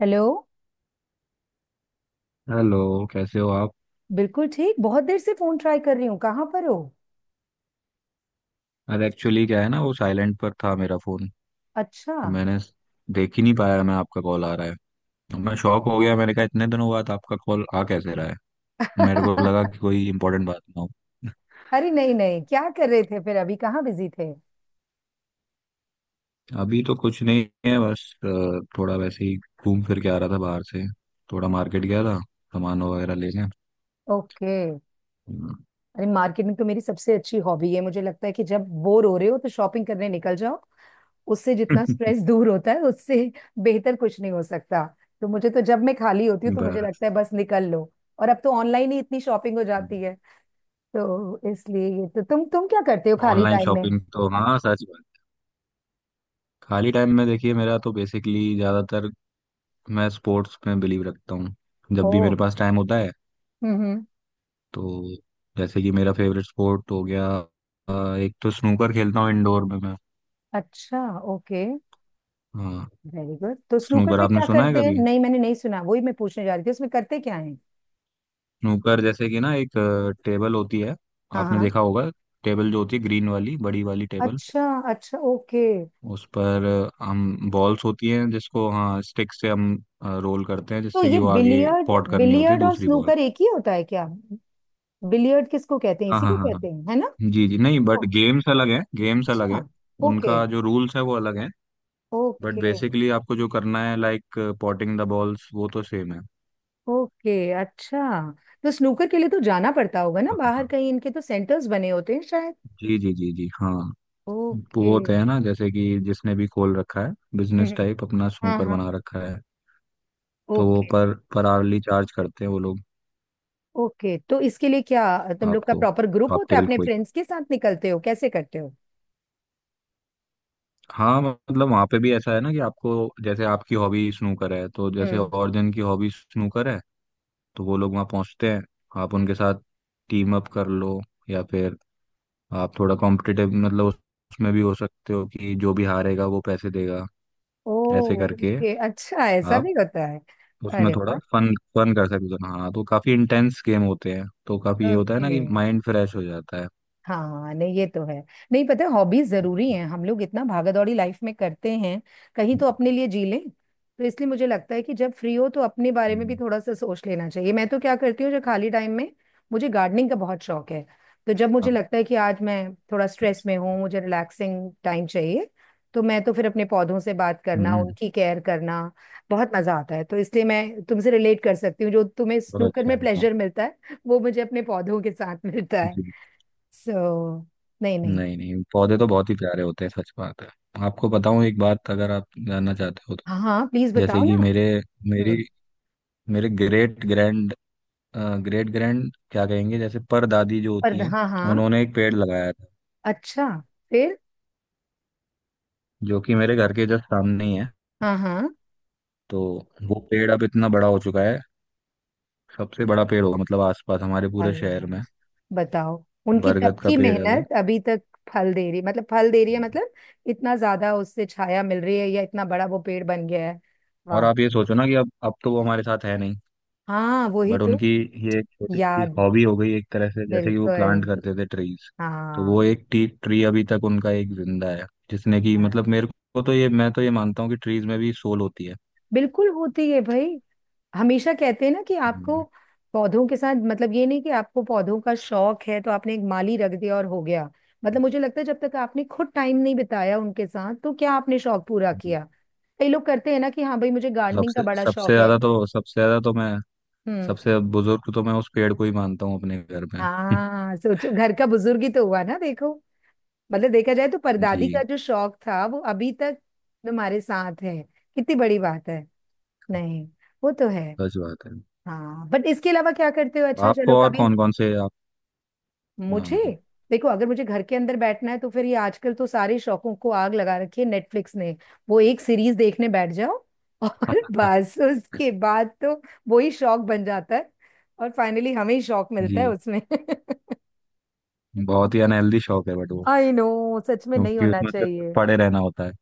Hello. Hello. कैसे हो आप? बिल्कुल ठीक, बहुत देर से फोन ट्राई कर रही हूँ, कहाँ पर हो? अरे, एक्चुअली क्या है ना, वो साइलेंट पर था मेरा फोन। अच्छा। तो मैंने देख ही नहीं पाया मैं, आपका कॉल आ रहा है। तो मैं शॉक हो गया, मैंने कहा इतने दिनों बाद आपका कॉल आ कैसे रहा है। मेरे को लगा कि कोई इंपॉर्टेंट बात ना हो। अरे नहीं नहीं, क्या कर रहे थे, फिर अभी कहाँ बिजी थे? अभी तो कुछ नहीं है, बस थोड़ा वैसे ही घूम फिर के आ रहा था बाहर से। थोड़ा मार्केट गया था, सामान वगैरह लेने। ओके। हम्म। अरे मार्केटिंग तो मेरी सबसे अच्छी हॉबी है, मुझे लगता है कि जब बोर हो रहे हो तो शॉपिंग करने निकल जाओ। उससे जितना स्ट्रेस दूर होता है, उससे बेहतर कुछ नहीं हो सकता। तो मुझे तो जब मैं खाली होती हूँ तो मुझे बस। लगता है बस निकल लो। और अब तो ऑनलाइन ही इतनी शॉपिंग हो जाती है, तो इसलिए ये। तो तुम क्या करते हो खाली ऑनलाइन टाइम में? शॉपिंग तो हाँ, सच बात। खाली टाइम में देखिए, मेरा तो बेसिकली ज्यादातर, मैं स्पोर्ट्स में बिलीव रखता हूँ। ओ। जब भी मेरे पास टाइम होता है हम्म। तो, जैसे कि मेरा फेवरेट स्पोर्ट हो गया, एक तो स्नूकर खेलता हूँ इंडोर में मैं। अच्छा। ओके। हाँ। वेरी गुड, तो स्नूकर स्नूकर में आपने क्या सुना है करते हैं? कभी? नहीं मैंने नहीं सुना, वही मैं पूछने जा रही थी, उसमें करते क्या है? स्नूकर जैसे कि ना एक टेबल होती है। हाँ आपने हाँ। देखा होगा। टेबल जो होती है, ग्रीन वाली बड़ी वाली टेबल। अच्छा, अच्छा ओके। उस पर हम बॉल्स होती हैं जिसको, हाँ, स्टिक से हम रोल करते हैं, तो जिससे कि ये वो आगे बिलियर्ड, पॉट करनी होती है बिलियर्ड और दूसरी बॉल। स्नूकर एक ही होता है क्या? बिलियर्ड किसको कहते हैं, हाँ, इसी हाँ, को हाँ, हाँ। कहते हैं है ना? जी जी, नहीं बट ओ, गेम्स अलग हैं, गेम्स अलग अच्छा। है। ओके, उनका जो रूल्स है वो अलग है। But okay. बेसिकली आपको जो करना है, लाइक पॉटिंग द बॉल्स, वो तो सेम है। ओके, अच्छा। तो स्नूकर के लिए तो जाना पड़ता होगा ना हाँ, बाहर हाँ। कहीं, इनके तो सेंटर्स बने होते हैं शायद। जी जी जी जी, हाँ। वो ओके। होते हैं ना, जैसे कि जिसने भी खोल रखा है बिजनेस हम्म। टाइप, अपना हाँ स्नूकर हाँ बना हाँ। रखा है। तो वो ओके। पर आवरली चार्ज करते हैं वो लोग। ओके, तो इसके लिए क्या तुम लोग का आपको, प्रॉपर ग्रुप आप होता है, टेबल अपने को ही। फ्रेंड्स के साथ निकलते हो, कैसे करते हो? हाँ, मतलब वहाँ पे भी ऐसा है ना कि आपको, जैसे आपकी हॉबी स्नूकर है, तो जैसे हम्म। और जन की हॉबी स्नूकर है, तो वो लोग वहाँ पहुँचते हैं, आप उनके साथ टीम अप कर लो। या फिर आप थोड़ा कॉम्पिटिटिव, मतलब उसमें भी हो सकते हो कि जो भी हारेगा वो पैसे देगा। ओ, ऐसे करके ओके, अच्छा ऐसा आप भी होता है। उसमें अरे थोड़ा वाह। फन फन कर सकते हो, हाँ। तो काफी इंटेंस गेम होते हैं तो काफी ये होता है ओके। ना कि माइंड फ्रेश हो जाता है। हाँ नहीं ये तो है। नहीं, पता है हॉबीज जरूरी हैं, हम लोग इतना भागा दौड़ी लाइफ में करते हैं, कहीं तो अपने लिए जी लें। तो इसलिए मुझे लगता है कि जब फ्री हो तो अपने बारे में भी हम्म। थोड़ा सा सोच लेना चाहिए। मैं तो क्या करती हूँ जो खाली टाइम में, मुझे गार्डनिंग का बहुत शौक है। तो जब मुझे हाँ, लगता है कि आज मैं थोड़ा स्ट्रेस में हूँ, मुझे रिलैक्सिंग टाइम चाहिए, तो मैं तो फिर अपने पौधों से बात करना, हम्म। उनकी केयर करना, बहुत मजा आता है। तो इसलिए मैं तुमसे रिलेट कर सकती हूँ, जो तुम्हें बहुत स्नूकर अच्छा में है, हाँ। प्लेजर मिलता है, वो मुझे अपने पौधों के साथ मिलता है। जी। सो, नहीं नहीं। नहीं, नहीं, पौधे तो बहुत ही प्यारे होते हैं, सच बात है। आपको बताऊं एक बात, अगर आप जानना चाहते हो तो। हाँ हाँ प्लीज जैसे बताओ कि ना। मेरी हम्म। मेरे ग्रेट ग्रैंड, ग्रेट ग्रैंड क्या कहेंगे, जैसे पर दादी जो पर, होती हैं, हाँ हाँ। उन्होंने एक पेड़ लगाया था, अच्छा, फिर? जो कि मेरे घर के जस्ट सामने ही है। हाँ हाँ। तो वो पेड़ अब इतना बड़ा हो चुका है, सबसे बड़ा पेड़ होगा मतलब आसपास हमारे पूरे अरे शहर वाह, में। बताओ उनकी तब बरगद का की पेड़ है वो। मेहनत अभी तक फल दे रही, मतलब फल दे रही है मतलब? इतना ज्यादा उससे छाया मिल रही है या इतना बड़ा वो पेड़ बन गया है? और वाह। आप ये सोचो ना कि अब तो वो हमारे साथ है नहीं, हाँ वही बट तो। उनकी ये एक छोटी सी याद। हॉबी हो गई एक तरह से, जैसे कि वो प्लांट बिल्कुल। करते थे ट्रीज। तो हाँ वो एक टी ट्री अभी तक उनका एक जिंदा है, जिसने कि, हाँ। मतलब मेरे को तो ये मैं तो ये मानता हूँ कि ट्रीज में भी सोल होती है। बिल्कुल होती है भाई। हमेशा कहते हैं ना कि आपको हम्म, पौधों के साथ, मतलब ये नहीं कि आपको पौधों का शौक है तो आपने एक माली रख दिया और हो गया। मतलब मुझे लगता है जब तक आपने खुद टाइम नहीं बिताया उनके साथ तो क्या आपने शौक पूरा जी। किया? कई लोग करते हैं ना कि हाँ भाई मुझे गार्डनिंग का सबसे बड़ा शौक है। सबसे ज्यादा तो मैं हम्म। सबसे बुजुर्ग तो मैं उस पेड़ को ही मानता हूँ अपने घर में। हाँ सोचो, घर का बुजुर्ग ही तो हुआ ना, देखो। मतलब देखा जाए तो परदादी का जी, जो शौक था वो अभी तक तुम्हारे साथ है, कितनी बड़ी बात है। नहीं, वो तो है। सच बात है। हाँ, बट इसके अलावा क्या करते हो? अच्छा चलो, आपको और कभी कौन कौन से आप? मुझे, हाँ। देखो अगर मुझे घर के अंदर बैठना है तो फिर ये आजकल तो सारे शौकों को आग लगा रखी है नेटफ्लिक्स ने। वो एक सीरीज देखने बैठ जाओ और बस उसके बाद तो वही शौक बन जाता है, और फाइनली हमें ही शौक मिलता जी, है उसमें। बहुत ही अनहेल्दी शौक है बट वो, आई नो, सच में नहीं क्योंकि होना उसमें सिर्फ चाहिए। पड़े रहना होता है।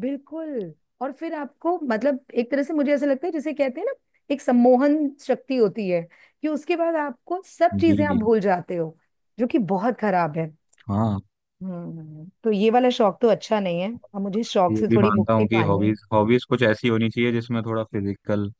बिल्कुल। और फिर आपको, मतलब एक तरह से मुझे ऐसा लगता है, जिसे कहते हैं ना, एक सम्मोहन शक्ति होती है कि उसके बाद आपको सब जी चीजें, आप जी, भूल जाते हो, जो कि बहुत खराब है। हाँ। हम्म, तो ये वाला शौक तो अच्छा नहीं है, अब मुझे इस शौक ये से भी थोड़ी मानता मुक्ति हूँ कि पानी है। हॉबीज हॉबीज कुछ ऐसी होनी चाहिए जिसमें थोड़ा फिजिकल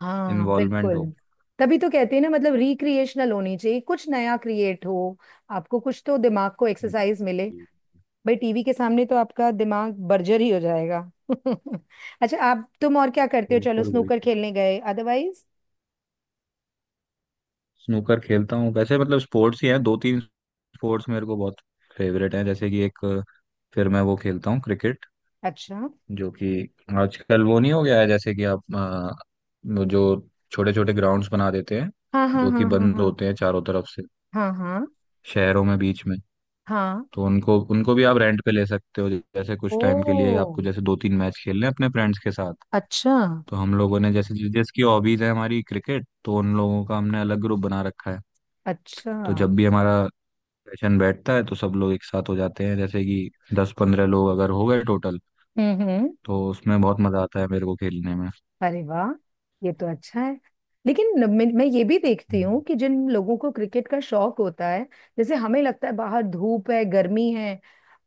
हाँ इन्वॉल्वमेंट बिल्कुल। हो। तभी तो कहते हैं ना, मतलब रिक्रिएशनल होनी चाहिए, कुछ नया क्रिएट हो, आपको कुछ तो दिमाग को जी, एक्सरसाइज मिले। भाई टीवी के सामने तो आपका दिमाग बर्जर ही हो जाएगा। अच्छा आप, तुम और क्या करते हो, चलो बिल्कुल स्नूकर बिल्कुल, खेलने गए, अदरवाइज? स्नूकर खेलता हूँ वैसे, मतलब स्पोर्ट्स ही हैं दो तीन। स्पोर्ट्स मेरे को बहुत फेवरेट हैं, जैसे कि एक, फिर मैं वो खेलता हूँ क्रिकेट। अच्छा। जो कि आजकल वो नहीं हो गया है, जैसे कि आप वो जो छोटे छोटे ग्राउंड्स बना देते हैं, हाँ हाँ जो कि हाँ हाँ बंद हाँ। होते हैं चारों तरफ से, हाँ हाँ। शहरों में बीच में। हाँ। तो उनको उनको भी आप रेंट पे ले सकते हो जैसे कुछ ओ, टाइम के लिए, आपको जैसे दो तीन मैच खेलने हैं अपने फ्रेंड्स के साथ। अच्छा। तो हम लोगों ने जैसे जिसकी हॉबीज है हमारी क्रिकेट, तो उन लोगों का हमने अलग ग्रुप बना रखा है। अच्छा। तो हम्म। जब भी हमारा सेशन बैठता है तो सब लोग एक साथ हो जाते हैं, जैसे कि 10-15 लोग अगर हो गए टोटल, हम्म। तो उसमें बहुत मजा आता है मेरे को खेलने में। अरे वाह, ये तो अच्छा है। लेकिन मैं ये भी देखती हूँ हम्म। कि जिन लोगों को क्रिकेट का शौक होता है, जैसे हमें लगता है बाहर धूप है गर्मी है,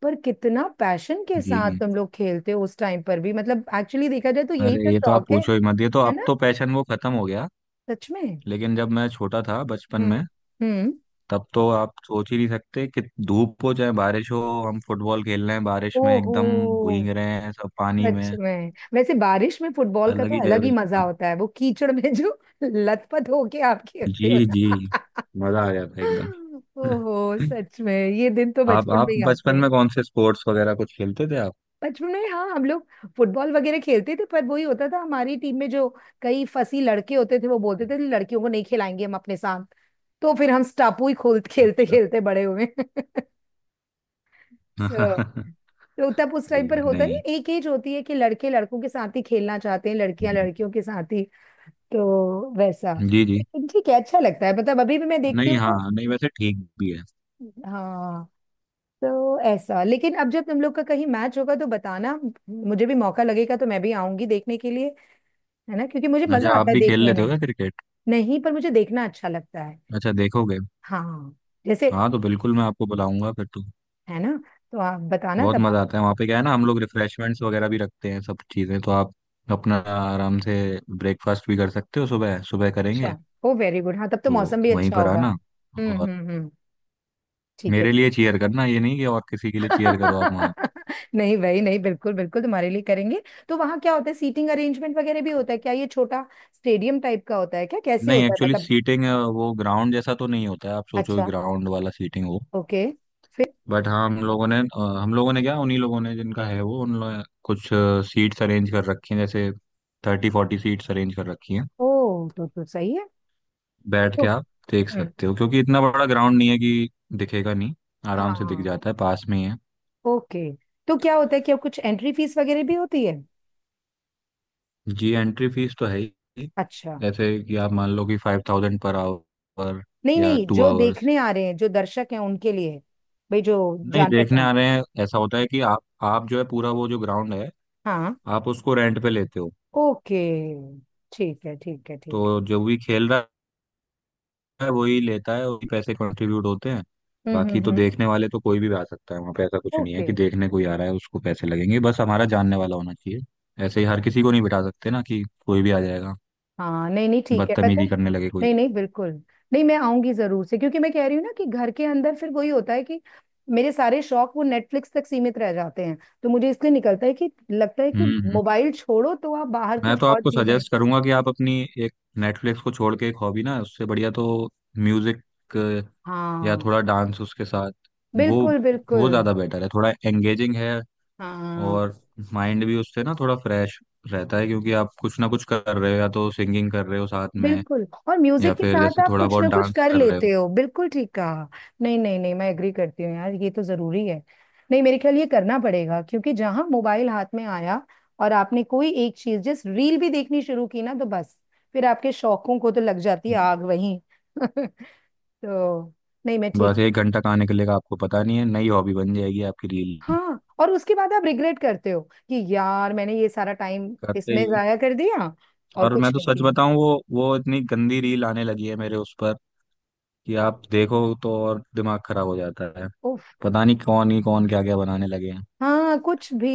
पर कितना पैशन के साथ जी। तुम लोग खेलते हो उस टाइम पर भी, मतलब एक्चुअली देखा जाए तो यही अरे, तो ये तो आप शौक है। पूछो ही मत, ये तो है अब ना, तो पैशन वो खत्म हो गया। सच में। लेकिन जब मैं छोटा था बचपन हम्म। में, हम्म। तब तो आप सोच ही नहीं सकते कि धूप हो चाहे बारिश हो, हम फुटबॉल खेल रहे हैं बारिश में, ओहो, एकदम भीग रहे हैं सब पानी सच में। में। वैसे बारिश में फुटबॉल का अलग ही तो अलग ही लेवल मजा का, होता है, वो कीचड़ में जो लथपथ होके आप खेलते जी हो जी, ना। मजा आ जाता है एकदम। ओहो सच में, ये दिन तो आप बचपन आप में ही आते बचपन हैं। में कौन से स्पोर्ट्स वगैरह कुछ खेलते थे आप? बचपन में, हाँ हम लोग फुटबॉल वगैरह खेलते थे, पर वही होता था हमारी टीम में जो कई फसी लड़के होते थे वो बोलते थे लड़कियों को नहीं खिलाएंगे हम अपने साथ। तो फिर हम स्टापू ही खोल खेलते अच्छा। खेलते बड़े हुए। सो, सही तो तब उस टाइम पर है, होता, नहीं। नहीं एक एज होती है कि लड़के लड़कों के साथ ही खेलना चाहते हैं, लड़कियां हम्म, लड़कियों के साथ ही। तो वैसा। जी जी, लेकिन ठीक है, अच्छा लगता है, मतलब अभी भी मैं देखती नहीं, हूँ हाँ, तो। नहीं वैसे ठीक भी है। हाँ, तो ऐसा। लेकिन अब जब तुम लोग का कहीं मैच होगा तो बताना, मुझे भी मौका लगेगा तो मैं भी आऊंगी देखने के लिए। है ना, क्योंकि मुझे अच्छा, मजा आप आता है भी ठीक खेल देखने लेते में। हो क्या क्रिकेट? नहीं, पर मुझे देखना अच्छा लगता है। अच्छा, देखोगे। हाँ। जैसे। हाँ, तो बिल्कुल मैं आपको बुलाऊंगा फिर तो। है ना, तो आप बताना बहुत तब हम। मज़ा आता है वहाँ पे, क्या है ना हम लोग रिफ्रेशमेंट्स वगैरह भी रखते हैं सब चीज़ें, तो आप अपना आराम से ब्रेकफास्ट भी कर सकते हो, सुबह सुबह अच्छा, करेंगे। ओ वेरी गुड, हाँ तब तो तो मौसम भी वहीं अच्छा पर होगा। आना, और हम्म। ठीक है। मेरे लिए चीयर करना, ये नहीं कि और किसी के लिए चीयर करो आप वहाँ। नहीं भाई नहीं, बिल्कुल बिल्कुल तुम्हारे लिए करेंगे। तो वहाँ क्या होता है, सीटिंग अरेंजमेंट वगैरह भी होता है क्या? ये छोटा स्टेडियम टाइप का होता है क्या, कैसे नहीं, होता है एक्चुअली मतलब? सीटिंग, वो ग्राउंड जैसा तो नहीं होता है, आप सोचो अच्छा। ग्राउंड वाला सीटिंग हो। ओके। बट हाँ, हम लोगों ने क्या, उन्हीं लोगों ने जिनका है वो, उन लोगों ने कुछ सीट्स अरेंज कर रखी हैं, जैसे 30-40 सीट्स अरेंज कर रखी हैं। ओ, तो सही है। बैठ तो। के आप देख हम्म। सकते हो, क्योंकि इतना बड़ा ग्राउंड नहीं है कि दिखेगा नहीं, आराम से दिख हाँ। जाता है, पास में ही है। ओके। तो क्या होता है कि अब कुछ एंट्री फीस वगैरह भी होती है? जी, एंट्री फीस तो है ही। अच्छा। जैसे कि आप मान लो कि 5000 पर आवर नहीं या नहीं, टू जो आवर्स देखने आ रहे हैं, जो दर्शक हैं उनके लिए। भाई जो नहीं, जान देखने पहचान। आ रहे हैं ऐसा होता है कि आप जो है पूरा वो जो ग्राउंड है, हाँ। आप उसको रेंट पे लेते हो। ओके, ठीक है, ठीक है तो ठीक जो भी खेल रहा है वही लेता है, वही पैसे कंट्रीब्यूट होते हैं। है। बाकी तो हम्म। देखने वाले तो कोई भी आ सकता है वहां पे, ऐसा कुछ नहीं है ओके। कि देखने कोई आ रहा है उसको पैसे लगेंगे, बस हमारा जानने वाला होना चाहिए। ऐसे ही हर हाँ। किसी को नहीं बिठा सकते ना कि कोई भी आ जाएगा, हाँ नहीं नहीं, ठीक है पता है। बदतमीजी करने लगे कोई। नहीं नहीं बिल्कुल। नहीं मैं आऊंगी जरूर से, क्योंकि मैं कह रही हूँ ना कि घर के अंदर फिर वही होता है कि मेरे सारे शौक वो नेटफ्लिक्स तक सीमित रह जाते हैं। तो मुझे इसलिए निकलता है कि लगता है कि हम्म, मोबाइल छोड़ो तो आप बाहर मैं कुछ तो और आपको चीजें। सजेस्ट करूंगा कि आप अपनी एक, नेटफ्लिक्स को छोड़ के एक हॉबी ना, उससे बढ़िया तो म्यूजिक या हाँ। थोड़ा डांस उसके साथ। वो बिल्कुल बिल्कुल। वो ज्यादा बेटर है, थोड़ा एंगेजिंग है। हाँ। और माइंड भी उससे ना थोड़ा फ्रेश रहता है, क्योंकि आप कुछ ना कुछ कर रहे हो, या तो सिंगिंग कर रहे हो साथ में, बिल्कुल, और या म्यूजिक के फिर साथ जैसे आप थोड़ा कुछ बहुत ना कुछ डांस कर कर रहे हो। लेते हो, बिल्कुल ठीक कहा। नहीं नहीं नहीं, मैं एग्री करती हूँ यार, ये तो जरूरी है। नहीं मेरे ख्याल ये करना पड़ेगा, क्योंकि जहां मोबाइल हाथ में आया और आपने कोई एक चीज जस्ट रील भी देखनी शुरू की ना, तो बस फिर आपके शौकों को तो लग जाती है आग वहीं। तो, नहीं मैं ठीक बस है। एक घंटा कहाँ निकलेगा आपको पता नहीं है, नई हॉबी बन जाएगी आपकी रील। हाँ, और उसके बाद आप रिग्रेट करते हो कि यार मैंने ये सारा टाइम करते इसमें ही हो। जाया कर दिया और और कुछ मैं तो नहीं सच बताऊं, वो इतनी गंदी रील आने लगी है मेरे उस पर, कि किया। आप देखो तो और दिमाग खराब हो जाता है। पता नहीं कौन ही कौन क्या क्या बनाने लगे हैं। हाँ कुछ भी।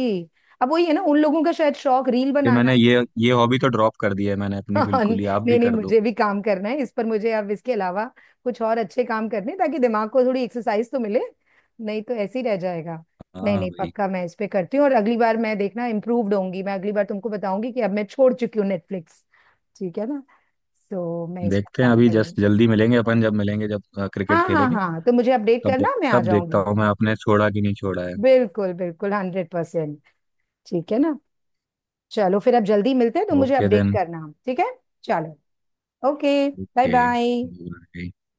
अब वही है ना, उन लोगों का शायद शौक रील कि बनाना मैंने है। ये हॉबी तो ड्रॉप कर दी है मैंने अपनी हाँ, बिल्कुल ही, आप भी नहीं नहीं कर दो। मुझे भी काम करना है इस पर, मुझे अब इसके अलावा कुछ और अच्छे काम करने हैं, ताकि दिमाग को थोड़ी एक्सरसाइज तो मिले, नहीं तो ऐसे ही रह जाएगा। नहीं हाँ नहीं भाई। पक्का, मैं इस पे करती हूँ, और अगली बार मैं, देखना इम्प्रूव्ड होंगी, मैं अगली बार तुमको बताऊंगी कि अब मैं छोड़ चुकी हूँ नेटफ्लिक्स। ठीक है ना, सो मैं इस पर देखते हैं, काम अभी करूँ। जस्ट जल्दी मिलेंगे अपन, जब मिलेंगे जब क्रिकेट हाँ हाँ खेलेंगे, हाँ, तो मुझे अपडेट तब करना, मैं आ तब देखता जाऊंगी। हूँ मैं आपने छोड़ा कि नहीं छोड़ा है। बिल्कुल बिल्कुल, 100%। ठीक है ना, चलो फिर अब जल्दी मिलते हैं, तो मुझे ओके अपडेट देन। करना, ठीक है? चलो। ओके। Bye bye. ओके।